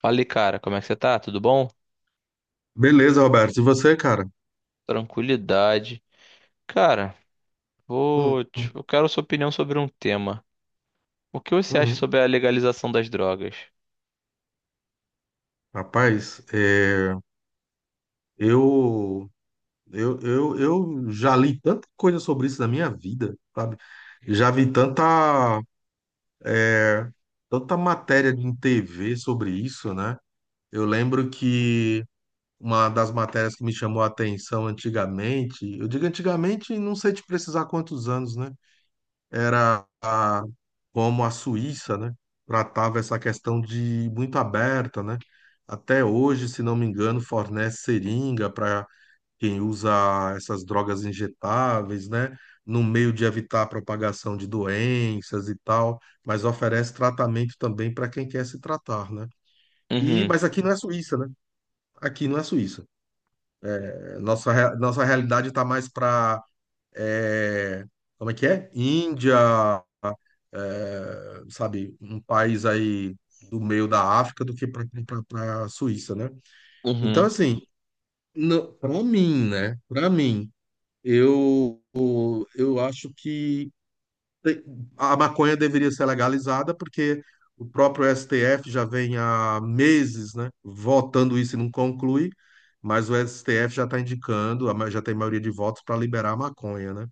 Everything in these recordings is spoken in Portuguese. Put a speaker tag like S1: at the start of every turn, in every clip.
S1: Fala, cara, como é que você tá? Tudo bom?
S2: Beleza, Roberto. E você, cara?
S1: Tranquilidade. Cara,
S2: Hum, hum,
S1: eu quero sua opinião sobre um tema. O que você acha
S2: uhum.
S1: sobre a legalização das drogas?
S2: Rapaz, eu, eu já li tanta coisa sobre isso na minha vida, sabe? Já vi tanta, é, tanta matéria em TV sobre isso, né? Eu lembro que uma das matérias que me chamou a atenção antigamente, eu digo antigamente, não sei te precisar quantos anos, né? era a- Como a Suíça, né, tratava essa questão de muito aberta, né? Até hoje, se não me engano, fornece seringa para quem usa essas drogas injetáveis, né? No meio de evitar a propagação de doenças e tal, mas oferece tratamento também para quem quer se tratar, né? E,
S1: Uhum,
S2: mas aqui não é Suíça, né? Aqui não é Suíça. É, nossa, nossa realidade está mais para é, como é que é? Índia, é, sabe, um país aí do meio da África do que para a Suíça, né? Então,
S1: uhum,
S2: assim, para mim, né? Para mim, eu, eu acho que te- a maconha deveria ser legalizada porque o próprio STF já vem há meses, né, votando isso e não conclui, mas o STF já está indicando, já tem maioria de votos para liberar a maconha, né?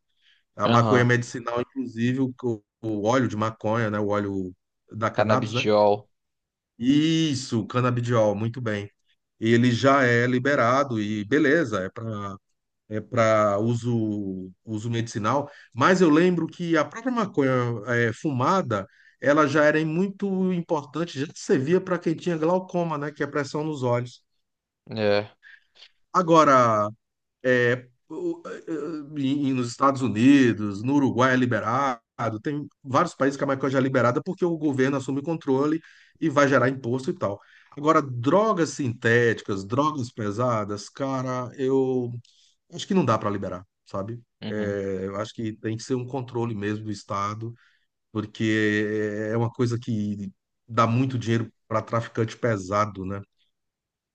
S2: A maconha
S1: aham.
S2: medicinal, inclusive, o óleo de maconha, né? O óleo da cannabis, né?
S1: Canabidiol.
S2: Isso, canabidiol, muito bem. Ele já é liberado e beleza, é para uso, uso medicinal, mas eu lembro que a própria maconha fumada, ela já era muito importante, já servia para quem tinha glaucoma, né? Que é a pressão nos olhos.
S1: É.
S2: Agora, e nos Estados Unidos, no Uruguai é liberado, tem vários países que a maconha já é liberada porque o governo assume o controle e vai gerar imposto e tal. Agora, drogas sintéticas, drogas pesadas, cara, eu acho que não dá para liberar, sabe?
S1: Uhum.
S2: Eu acho que tem que ser um controle mesmo do Estado, porque é uma coisa que dá muito dinheiro para traficante pesado, né?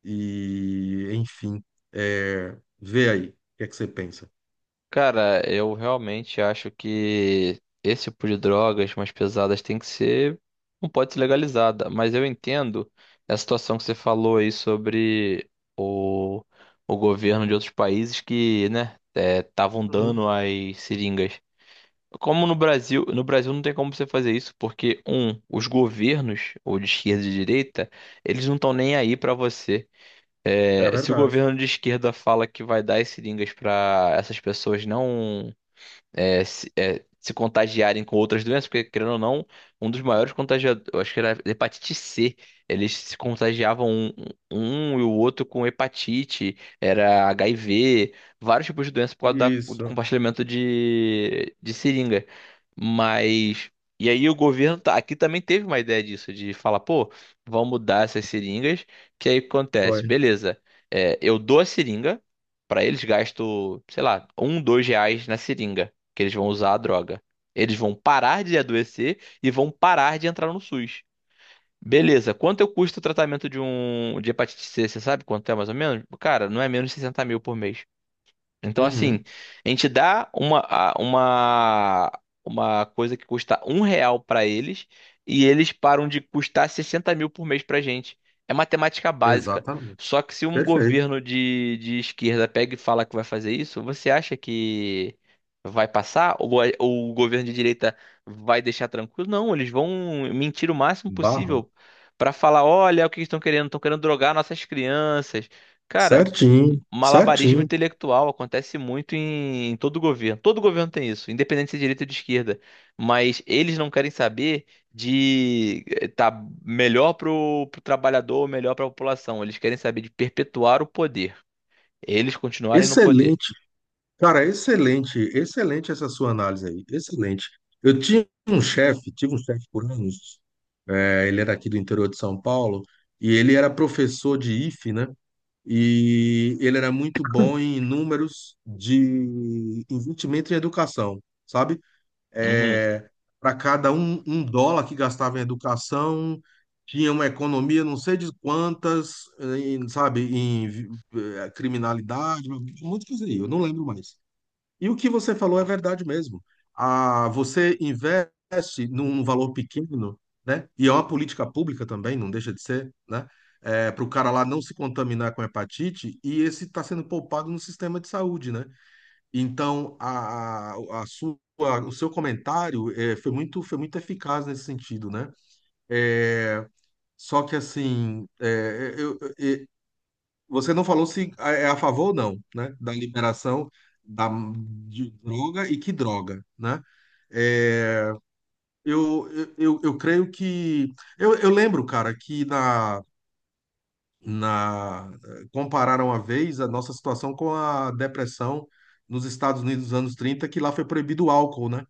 S2: E, enfim, vê aí, o que é que você pensa?
S1: Cara, eu realmente acho que esse tipo de drogas mais pesadas tem que ser, não pode ser legalizada, mas eu entendo a situação que você falou aí sobre o, o governo de outros países que, né, estavam
S2: Uhum.
S1: dando as seringas. Como no Brasil, no Brasil não tem como você fazer isso, porque, um, os governos, ou de esquerda e de direita, eles não estão nem aí pra você.
S2: É
S1: É, se o
S2: verdade.
S1: governo de esquerda fala que vai dar as seringas para essas pessoas não é, se contagiarem com outras doenças, porque, querendo ou não, um dos maiores contagiadores, eu acho que era hepatite C, eles se contagiavam um, um e o outro com hepatite, era HIV, vários tipos de doenças por causa do
S2: Isso,
S1: compartilhamento de seringa. Mas. E aí o governo aqui também teve uma ideia disso, de falar, pô, vamos mudar essas seringas, que aí o que acontece,
S2: foi.
S1: beleza, é, eu dou a seringa, pra eles gasto, sei lá, um, dois reais na seringa que eles vão usar a droga. Eles vão parar de adoecer e vão parar de entrar no SUS. Beleza, quanto eu custa o tratamento de um de hepatite C? Você sabe quanto é mais ou menos? Cara, não é menos de 60 mil por mês. Então, assim,
S2: Uhum.
S1: a gente dá uma, uma coisa que custa um real pra eles e eles param de custar 60 mil por mês pra gente. É matemática básica.
S2: Exatamente.
S1: Só que se um
S2: Perfeito.
S1: governo de esquerda pega e fala que vai fazer isso, você acha que vai passar? Ou, ou o governo de direita vai deixar tranquilo? Não, eles vão mentir o máximo
S2: Barra.
S1: possível pra falar: olha o que eles estão querendo drogar nossas crianças. Cara.
S2: Certinho,
S1: Malabarismo
S2: certinho.
S1: intelectual acontece muito em todo governo. Todo governo tem isso, independente se é direita ou de esquerda. Mas eles não querem saber de estar tá melhor pro trabalhador ou melhor para a população. Eles querem saber de perpetuar o poder. Eles continuarem no poder.
S2: Excelente. Cara, excelente, excelente essa sua análise aí. Excelente. Eu tinha um chefe, tive um chefe por anos. É, ele era aqui do interior de São Paulo e ele era professor de IFE, né? E ele era muito bom em números de investimento em educação, sabe?
S1: Uhum.
S2: É, para cada um, um dólar que gastava em educação, tinha uma economia não sei de quantas, em, sabe, em criminalidade, muito coisa aí, eu não lembro mais. E o que você falou é verdade mesmo. Ah, você investe num valor pequeno, né? E é uma política pública também, não deixa de ser, né? Para o cara lá não se contaminar com hepatite, e esse está sendo poupado no sistema de saúde, né? Então, a sua, o seu comentário foi muito eficaz nesse sentido, né? Eh, só que, assim, eh, você não falou se é a favor ou não, né? Da liberação da, de droga e que droga, né? Eh, eu creio que. Eu lembro, cara, que na, compararam uma vez a nossa situação com a depressão nos Estados Unidos dos anos 30, que lá foi proibido o álcool, né?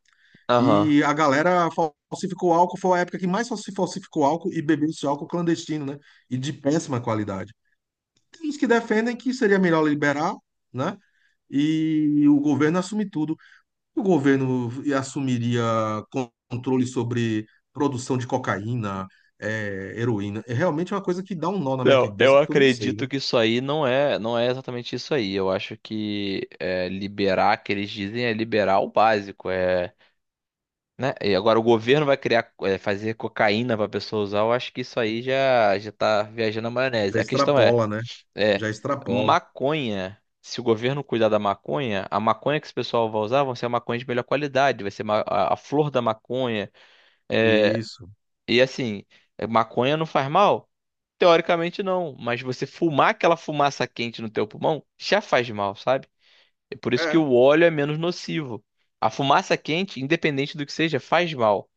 S1: Aham.
S2: E a galera falsificou álcool, foi a época que mais se falsificou álcool e bebeu esse álcool clandestino, né? E de péssima qualidade. Tem uns que defendem que seria melhor liberar, né? E o governo assume tudo. O governo assumiria controle sobre produção de cocaína, é, heroína. É realmente uma coisa que dá um nó na minha
S1: Não,
S2: cabeça,
S1: eu
S2: porque eu não sei,
S1: acredito
S2: né?
S1: que isso aí não é, não é exatamente isso aí. Eu acho que é, liberar, que eles dizem, é liberar o básico. Né? E agora o governo vai criar, fazer cocaína para pessoa usar, eu acho que isso aí já tá viajando a maionese.
S2: Já
S1: A questão é,
S2: extrapola, né?
S1: é,
S2: Já extrapola.
S1: maconha, se o governo cuidar da maconha, a maconha que esse pessoal vai usar vão ser a maconha de melhor qualidade, vai ser a flor da maconha. É.
S2: Isso.
S1: E assim, maconha não faz mal? Teoricamente não, mas você fumar aquela fumaça quente no teu pulmão já faz mal, sabe? É por isso que
S2: É,
S1: o óleo é menos nocivo. A fumaça quente, independente do que seja, faz mal.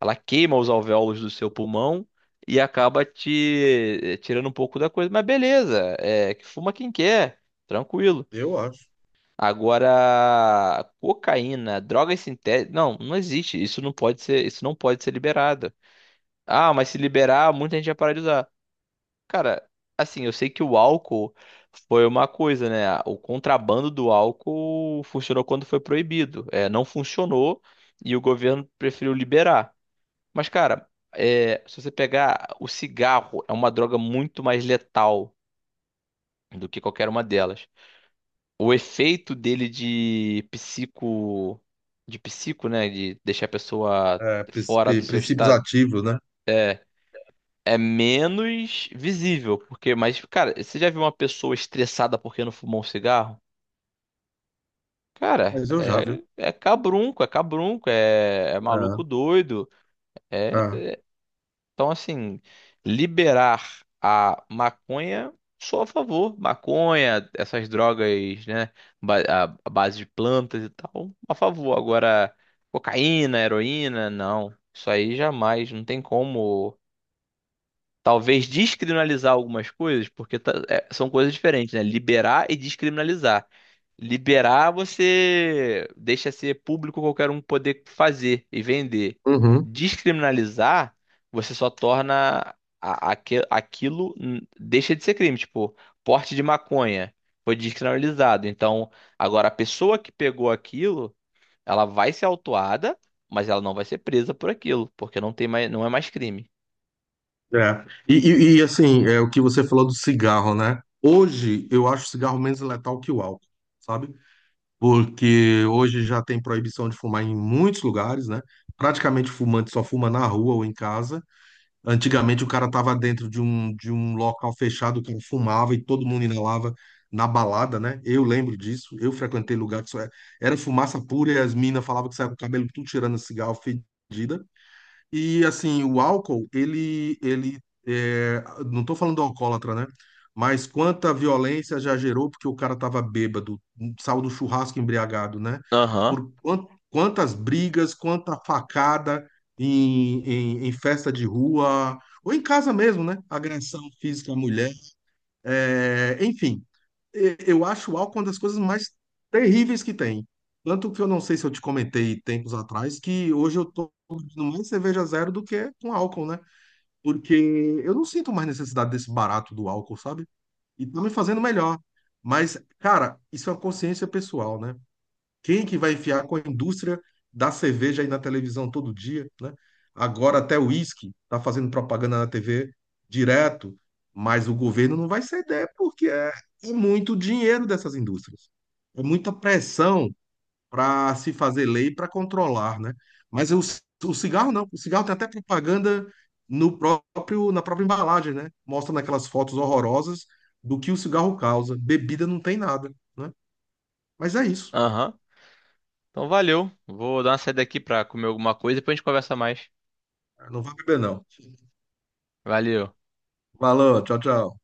S1: Ela queima os alvéolos do seu pulmão e acaba te tirando um pouco da coisa. Mas beleza, é que fuma quem quer, tranquilo.
S2: eu acho.
S1: Agora, cocaína, drogas sintéticas, não, não existe. Isso não pode ser, isso não pode ser liberado. Ah, mas se liberar, muita gente vai parar de usar. Cara, assim, eu sei que o álcool foi uma coisa, né? O contrabando do álcool funcionou quando foi proibido. É, não funcionou e o governo preferiu liberar. Mas, cara, é, se você pegar o cigarro, é uma droga muito mais letal do que qualquer uma delas. O efeito dele de psico, né, de deixar a pessoa
S2: É,
S1: fora do seu
S2: princípios
S1: estado
S2: ativos, né?
S1: é, é menos visível, porque, mas, cara, você já viu uma pessoa estressada porque não fumou um cigarro? Cara,
S2: Mas eu já, viu?
S1: é, é cabrunco, é cabrunco, é, é
S2: É,
S1: maluco doido. É.
S2: é.
S1: Então, assim, liberar a maconha, sou a favor. Maconha, essas drogas, né? A base de plantas e tal, a favor. Agora, cocaína, heroína, não. Isso aí jamais. Não tem como. Talvez descriminalizar algumas coisas, porque é, são coisas diferentes, né? Liberar e descriminalizar. Liberar você deixa ser público qualquer um poder fazer e vender.
S2: Uhum,
S1: Descriminalizar, você só torna aquilo, deixa de ser crime. Tipo, porte de maconha foi descriminalizado. Então, agora a pessoa que pegou aquilo, ela vai ser autuada, mas ela não vai ser presa por aquilo, porque não tem mais, não é mais crime.
S2: é. E, assim, é o que você falou do cigarro, né? Hoje eu acho o cigarro menos letal que o álcool, sabe? Porque hoje já tem proibição de fumar em muitos lugares, né? Praticamente o fumante só fuma na rua ou em casa. Antigamente o cara tava dentro de um local fechado que fumava e todo mundo inalava na balada, né? Eu lembro disso. Eu frequentei lugar que só era, era fumaça pura e as minas falavam que saia com o cabelo tudo tirando cigarro fedida. E assim, o álcool, ele não estou falando do alcoólatra, né? Mas quanta violência já gerou porque o cara estava bêbado, saiu do churrasco embriagado, né?
S1: Aham,
S2: Por quantas brigas, quanta facada em festa de rua, ou em casa mesmo, né? Agressão física à mulher. É, enfim, eu acho o álcool uma das coisas mais terríveis que tem. Tanto que eu não sei se eu te comentei tempos atrás que hoje eu tô bebendo mais cerveja zero do que com álcool, né? Porque eu não sinto mais necessidade desse barato do álcool, sabe? E tá me fazendo melhor. Mas, cara, isso é uma consciência pessoal, né? Quem que vai enfiar com a indústria da cerveja aí na televisão todo dia, né? Agora até o uísque está fazendo propaganda na TV direto, mas o governo não vai ceder porque é, é muito dinheiro dessas indústrias. É muita pressão para se fazer lei para controlar, né? Mas o cigarro não. O cigarro tem até propaganda no próprio, na própria embalagem, né? Mostra naquelas fotos horrorosas do que o cigarro causa. Bebida não tem nada, né? Mas é isso.
S1: aham. Então valeu. Vou dar uma saída aqui pra comer alguma coisa e depois a gente conversa mais.
S2: Não vai beber, não.
S1: Valeu.
S2: Valeu, tchau, tchau.